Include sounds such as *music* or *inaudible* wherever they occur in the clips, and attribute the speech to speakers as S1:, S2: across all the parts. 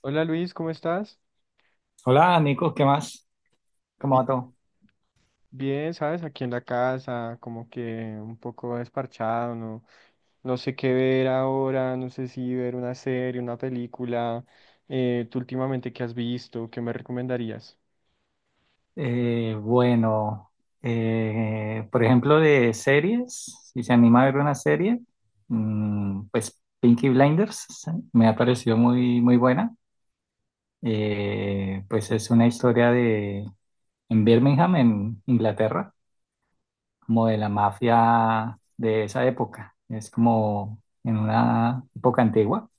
S1: Hola Luis, ¿cómo estás?
S2: Hola, Nico, ¿qué más? ¿Cómo
S1: Bi-
S2: va todo?
S1: Bien, ¿sabes? Aquí en la casa, como que un poco desparchado, no, no sé qué ver ahora, no sé si ver una serie, una película. ¿Tú últimamente qué has visto? ¿Qué me recomendarías?
S2: Bueno, por ejemplo, de series, si se anima a ver una serie, pues Pinky Blinders sí, me ha parecido muy, muy buena. Pues es una historia de en Birmingham, en Inglaterra, como de la mafia de esa época. Es como en una época antigua.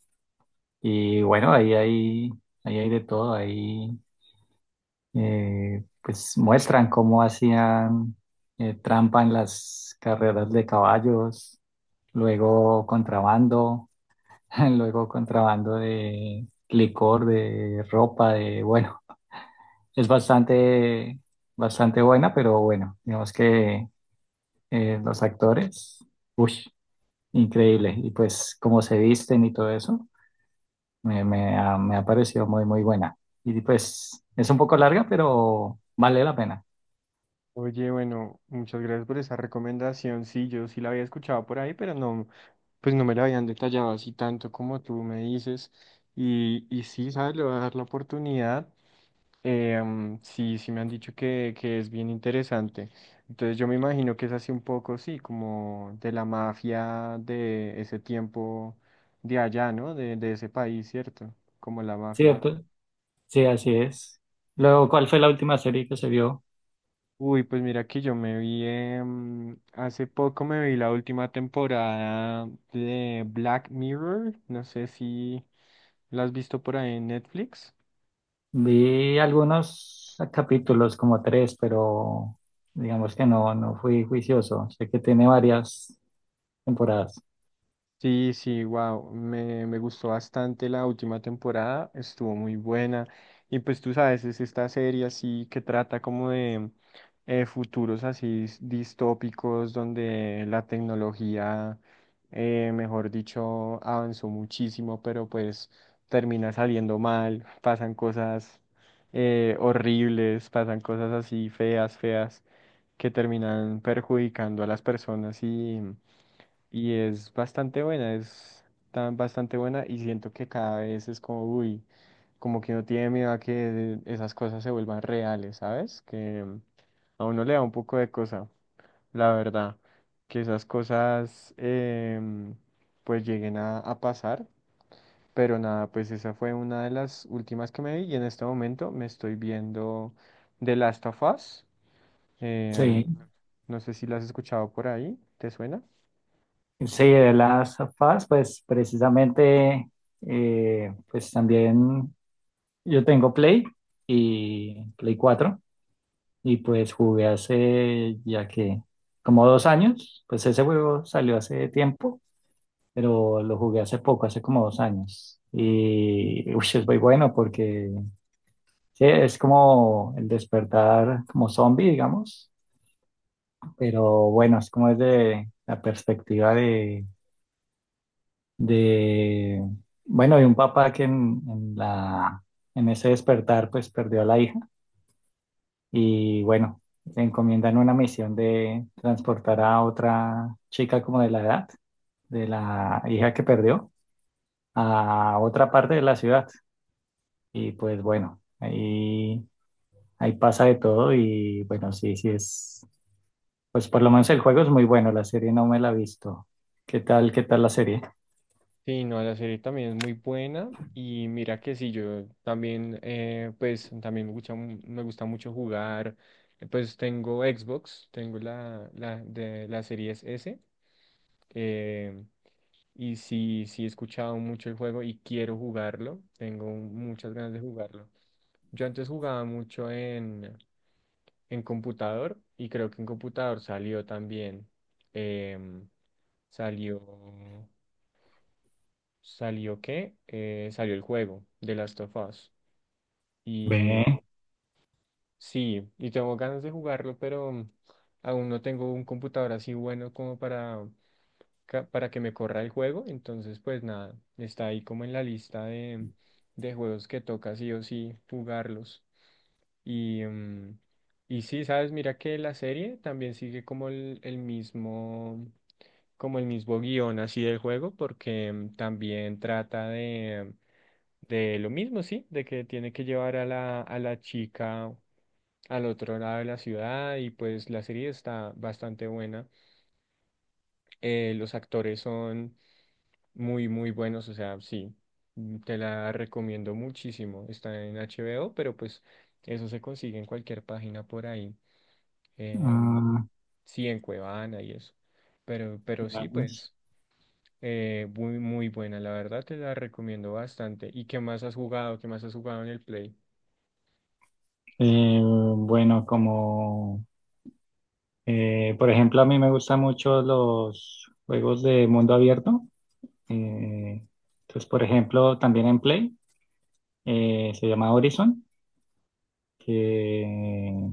S2: Y bueno, ahí hay de todo, ahí. Pues muestran cómo hacían trampa en las carreras de caballos, luego contrabando, *laughs* luego contrabando de licor, de ropa, de, bueno, es bastante, bastante buena, pero bueno, digamos que los actores, uy, increíble, y pues cómo se visten y todo eso, me ha parecido muy, muy buena. Y pues es un poco larga, pero vale la pena.
S1: Oye, bueno, muchas gracias por esa recomendación. Sí, yo sí la había escuchado por ahí, pero no, pues no me la habían detallado así tanto como tú me dices. Y sí, ¿sabes? Le voy a dar la oportunidad. Sí, sí me han dicho que es bien interesante. Entonces yo me imagino que es así un poco, sí, como de la mafia de ese tiempo de allá, ¿no? De ese país, ¿cierto? Como la mafia.
S2: ¿Cierto? Sí, así es. Luego, ¿cuál fue la última serie que se vio?
S1: Uy, pues mira que yo me vi, hace poco me vi la última temporada de Black Mirror. No sé si la has visto por ahí en Netflix.
S2: Vi algunos capítulos, como tres, pero digamos que no fui juicioso. Sé que tiene varias temporadas.
S1: Sí, sí, wow, me gustó bastante la última temporada, estuvo muy buena. Y pues tú sabes, es esta serie así que trata como de futuros así distópicos donde la tecnología, mejor dicho, avanzó muchísimo, pero pues termina saliendo mal, pasan cosas horribles, pasan cosas así feas, feas, que terminan perjudicando a las personas y es bastante buena, es tan bastante buena y siento que cada vez es como, uy, como que uno tiene miedo a que esas cosas se vuelvan reales, ¿sabes? Que a uno le da un poco de cosa, la verdad, que esas cosas em, pues lleguen a pasar, pero nada, pues esa fue una de las últimas que me vi y en este momento me estoy viendo The Last of Us. em,
S2: Sí,
S1: no sé si la has escuchado por ahí, ¿te suena?
S2: sí, de las Us, pues precisamente, pues también yo tengo Play y Play 4 y pues jugué hace ya que como 2 años, pues ese juego salió hace tiempo pero lo jugué hace poco, hace como 2 años. Y uy, es muy bueno porque sí, es como el despertar como zombie, digamos, pero bueno, es como desde la perspectiva de bueno, de un papá que en ese despertar pues perdió a la hija y bueno, le encomiendan una misión de transportar a otra chica como de la edad, de la hija que perdió, a otra parte de la ciudad. Y pues bueno, ahí pasa de todo y bueno, sí, sí es, pues por lo menos el juego es muy bueno, la serie no me la he visto. Qué tal la serie?
S1: Sí, no, la serie también es muy buena y mira que sí, yo también, pues también me gusta, me gusta mucho jugar, pues tengo Xbox, tengo la de la Series S eh, y sí, sí he escuchado mucho el juego y quiero jugarlo, tengo muchas ganas de jugarlo. Yo antes jugaba mucho en computador y creo que en computador salió también, em, salió... ¿Salió qué? Salió el juego de Last of Us.
S2: Ve,
S1: Y sí, y tengo ganas de jugarlo, pero aún no tengo un computador así bueno como para, para que me corra el juego. Entonces, pues nada, está ahí como en la lista de juegos que toca sí o sí jugarlos. Y, mm, y sí, sabes, mira que la serie también sigue como el mismo, como el mismo guión así del juego, porque también trata de lo mismo, sí, de que tiene que llevar a a la chica al otro lado de la ciudad y pues la serie está bastante buena. Los actores son muy, muy buenos, o sea, sí, te la recomiendo muchísimo. Está en HBO, pero pues eso se consigue en cualquier página por ahí. em,
S2: ah,
S1: sí, en Cuevana y eso. Pero
S2: mira,
S1: sí,
S2: pues.
S1: pues muy, muy buena, la verdad te la recomiendo bastante. ¿Y qué más has jugado? ¿Qué más has jugado en el Play?
S2: Bueno, como por ejemplo a mí me gustan mucho los juegos de mundo abierto. Eh, entonces, por ejemplo, también en Play se llama Horizon, que,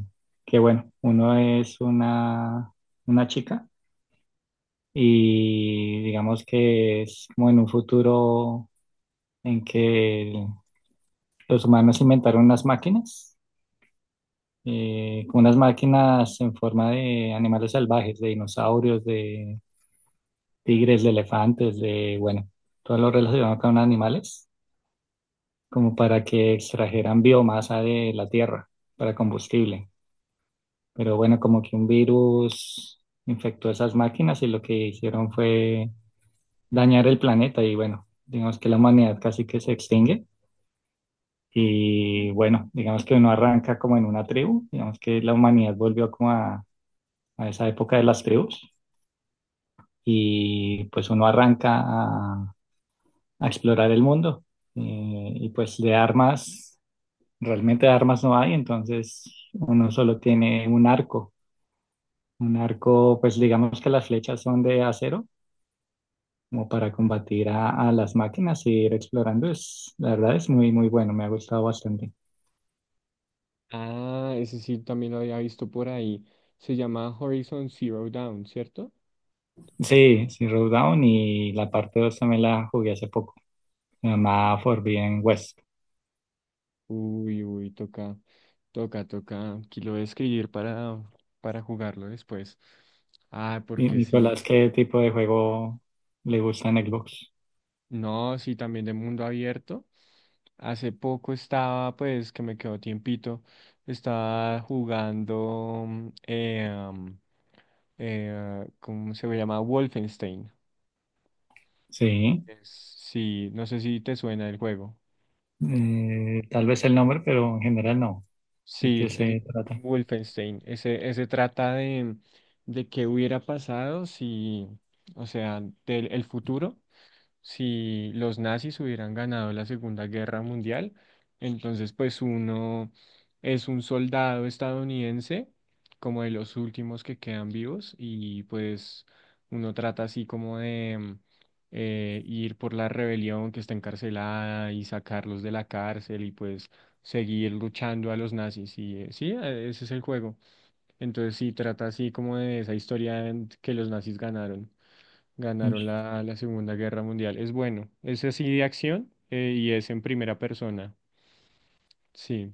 S2: que bueno, uno es una chica y digamos que es como en un futuro en que los humanos inventaron unas máquinas, como unas máquinas en forma de animales salvajes, de dinosaurios, de tigres, de elefantes, de, bueno, todo lo relacionado con animales, como para que extrajeran biomasa de la tierra para combustible. Pero bueno, como que un virus infectó esas máquinas y lo que hicieron fue dañar el planeta y bueno, digamos que la humanidad casi que se extingue y bueno, digamos que uno arranca como en una tribu, digamos que la humanidad volvió como a esa época de las tribus y pues uno arranca a explorar el mundo y pues de armas, realmente de armas no hay, entonces uno solo tiene un arco. Un arco, pues digamos que las flechas son de acero, como para combatir a las máquinas e ir explorando, es, la verdad es muy, muy bueno, me ha gustado bastante.
S1: Ah, ese sí también lo había visto por ahí. Se llama Horizon Zero Dawn, ¿cierto?
S2: Sí, sí, Down y la parte 2 también la jugué hace poco, se llama Forbidden West.
S1: Uy, uy, toca, toca, toca. Aquí lo voy a escribir para jugarlo después. Ah,
S2: Y,
S1: porque sí.
S2: Nicolás, ¿qué tipo de juego le gusta en Xbox?
S1: No, sí, también de mundo abierto. Hace poco estaba, pues, que me quedó tiempito. Estaba jugando, ¿cómo se llama? Wolfenstein.
S2: Sí,
S1: Sí, no sé si te suena el juego.
S2: tal vez el nombre, pero en general no. ¿De
S1: Sí,
S2: qué
S1: el
S2: se trata?
S1: Wolfenstein. Ese trata de qué hubiera pasado si, o sea, del el futuro si los nazis hubieran ganado la Segunda Guerra Mundial, entonces pues uno es un soldado estadounidense, como de los últimos que quedan vivos, y pues uno trata así como de ir por la rebelión que está encarcelada y sacarlos de la cárcel y pues seguir luchando a los nazis. Sí, ese es el juego. Entonces sí, trata así como de esa historia en que los nazis ganaron.
S2: Ush,
S1: Ganaron la Segunda Guerra Mundial. Es bueno. Es así de acción y es en primera persona. Sí,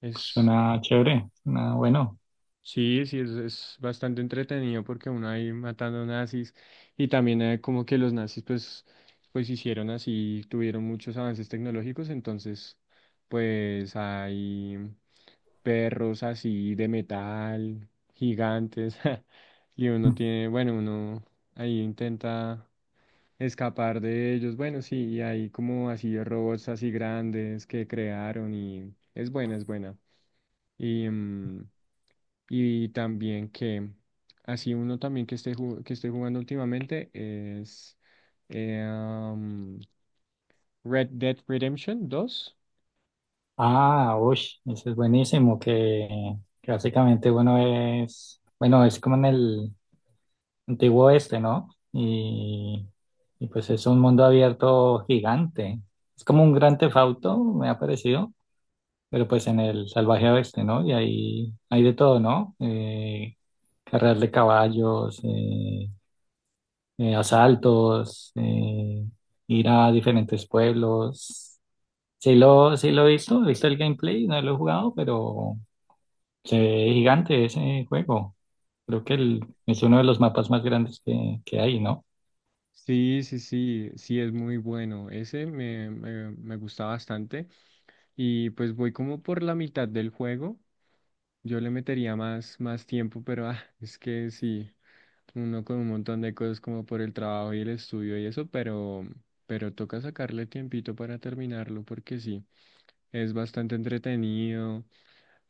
S1: es,
S2: suena chévere, suena bueno.
S1: sí, sí, es bastante entretenido porque uno ahí matando nazis y también como que los nazis pues, pues hicieron así, tuvieron muchos avances tecnológicos, entonces pues hay perros así de metal, gigantes, *laughs* y uno tiene, bueno, uno ahí intenta... escapar de ellos. Bueno, sí, y hay como así robots así grandes que crearon y es buena, es buena. Y, mm, y también que así uno también que esté que estoy jugando últimamente es eh, am, Red Dead Redemption 2.
S2: Ah, uy, ese es buenísimo, que básicamente bueno, es como en el, antiguo este, ¿no? Y pues es un mundo abierto gigante. Es como un gran tefauto, me ha parecido, pero pues en el salvaje oeste, ¿no? Y ahí hay de todo, ¿no? Carreras de caballos, asaltos, ir a diferentes pueblos. Sí lo he visto el gameplay, no lo he jugado, pero se ve gigante ese juego. Creo que es uno de los mapas más grandes que hay, ¿no?
S1: Sí, sí, sí, sí, es muy bueno. Ese me gusta bastante. Y pues voy como por la mitad del juego. Yo le metería más, más tiempo, pero ah, es que sí, uno con un montón de cosas como por el trabajo y el estudio y eso, pero toca sacarle tiempito para terminarlo porque sí, es bastante entretenido.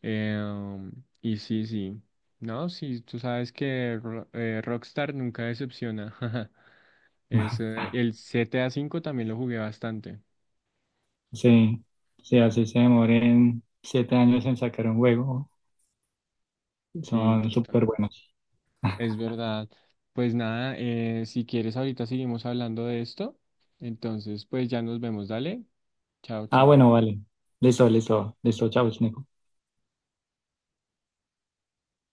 S1: eh, um, y sí, sí, no, sí, tú sabes que Rockstar nunca decepciona. *laughs* Es,
S2: *laughs*
S1: el GTA 5 V también lo jugué bastante.
S2: Sí, sí, así se demoren 7 años en sacar un juego.
S1: Sí,
S2: Son
S1: total.
S2: súper buenos.
S1: Es
S2: *laughs*
S1: verdad. Pues nada, si quieres ahorita seguimos hablando de esto. Entonces, pues ya nos vemos. Dale. Chao,
S2: Ah,
S1: chao.
S2: bueno, vale. Listo, listo, listo. Chao, Nico.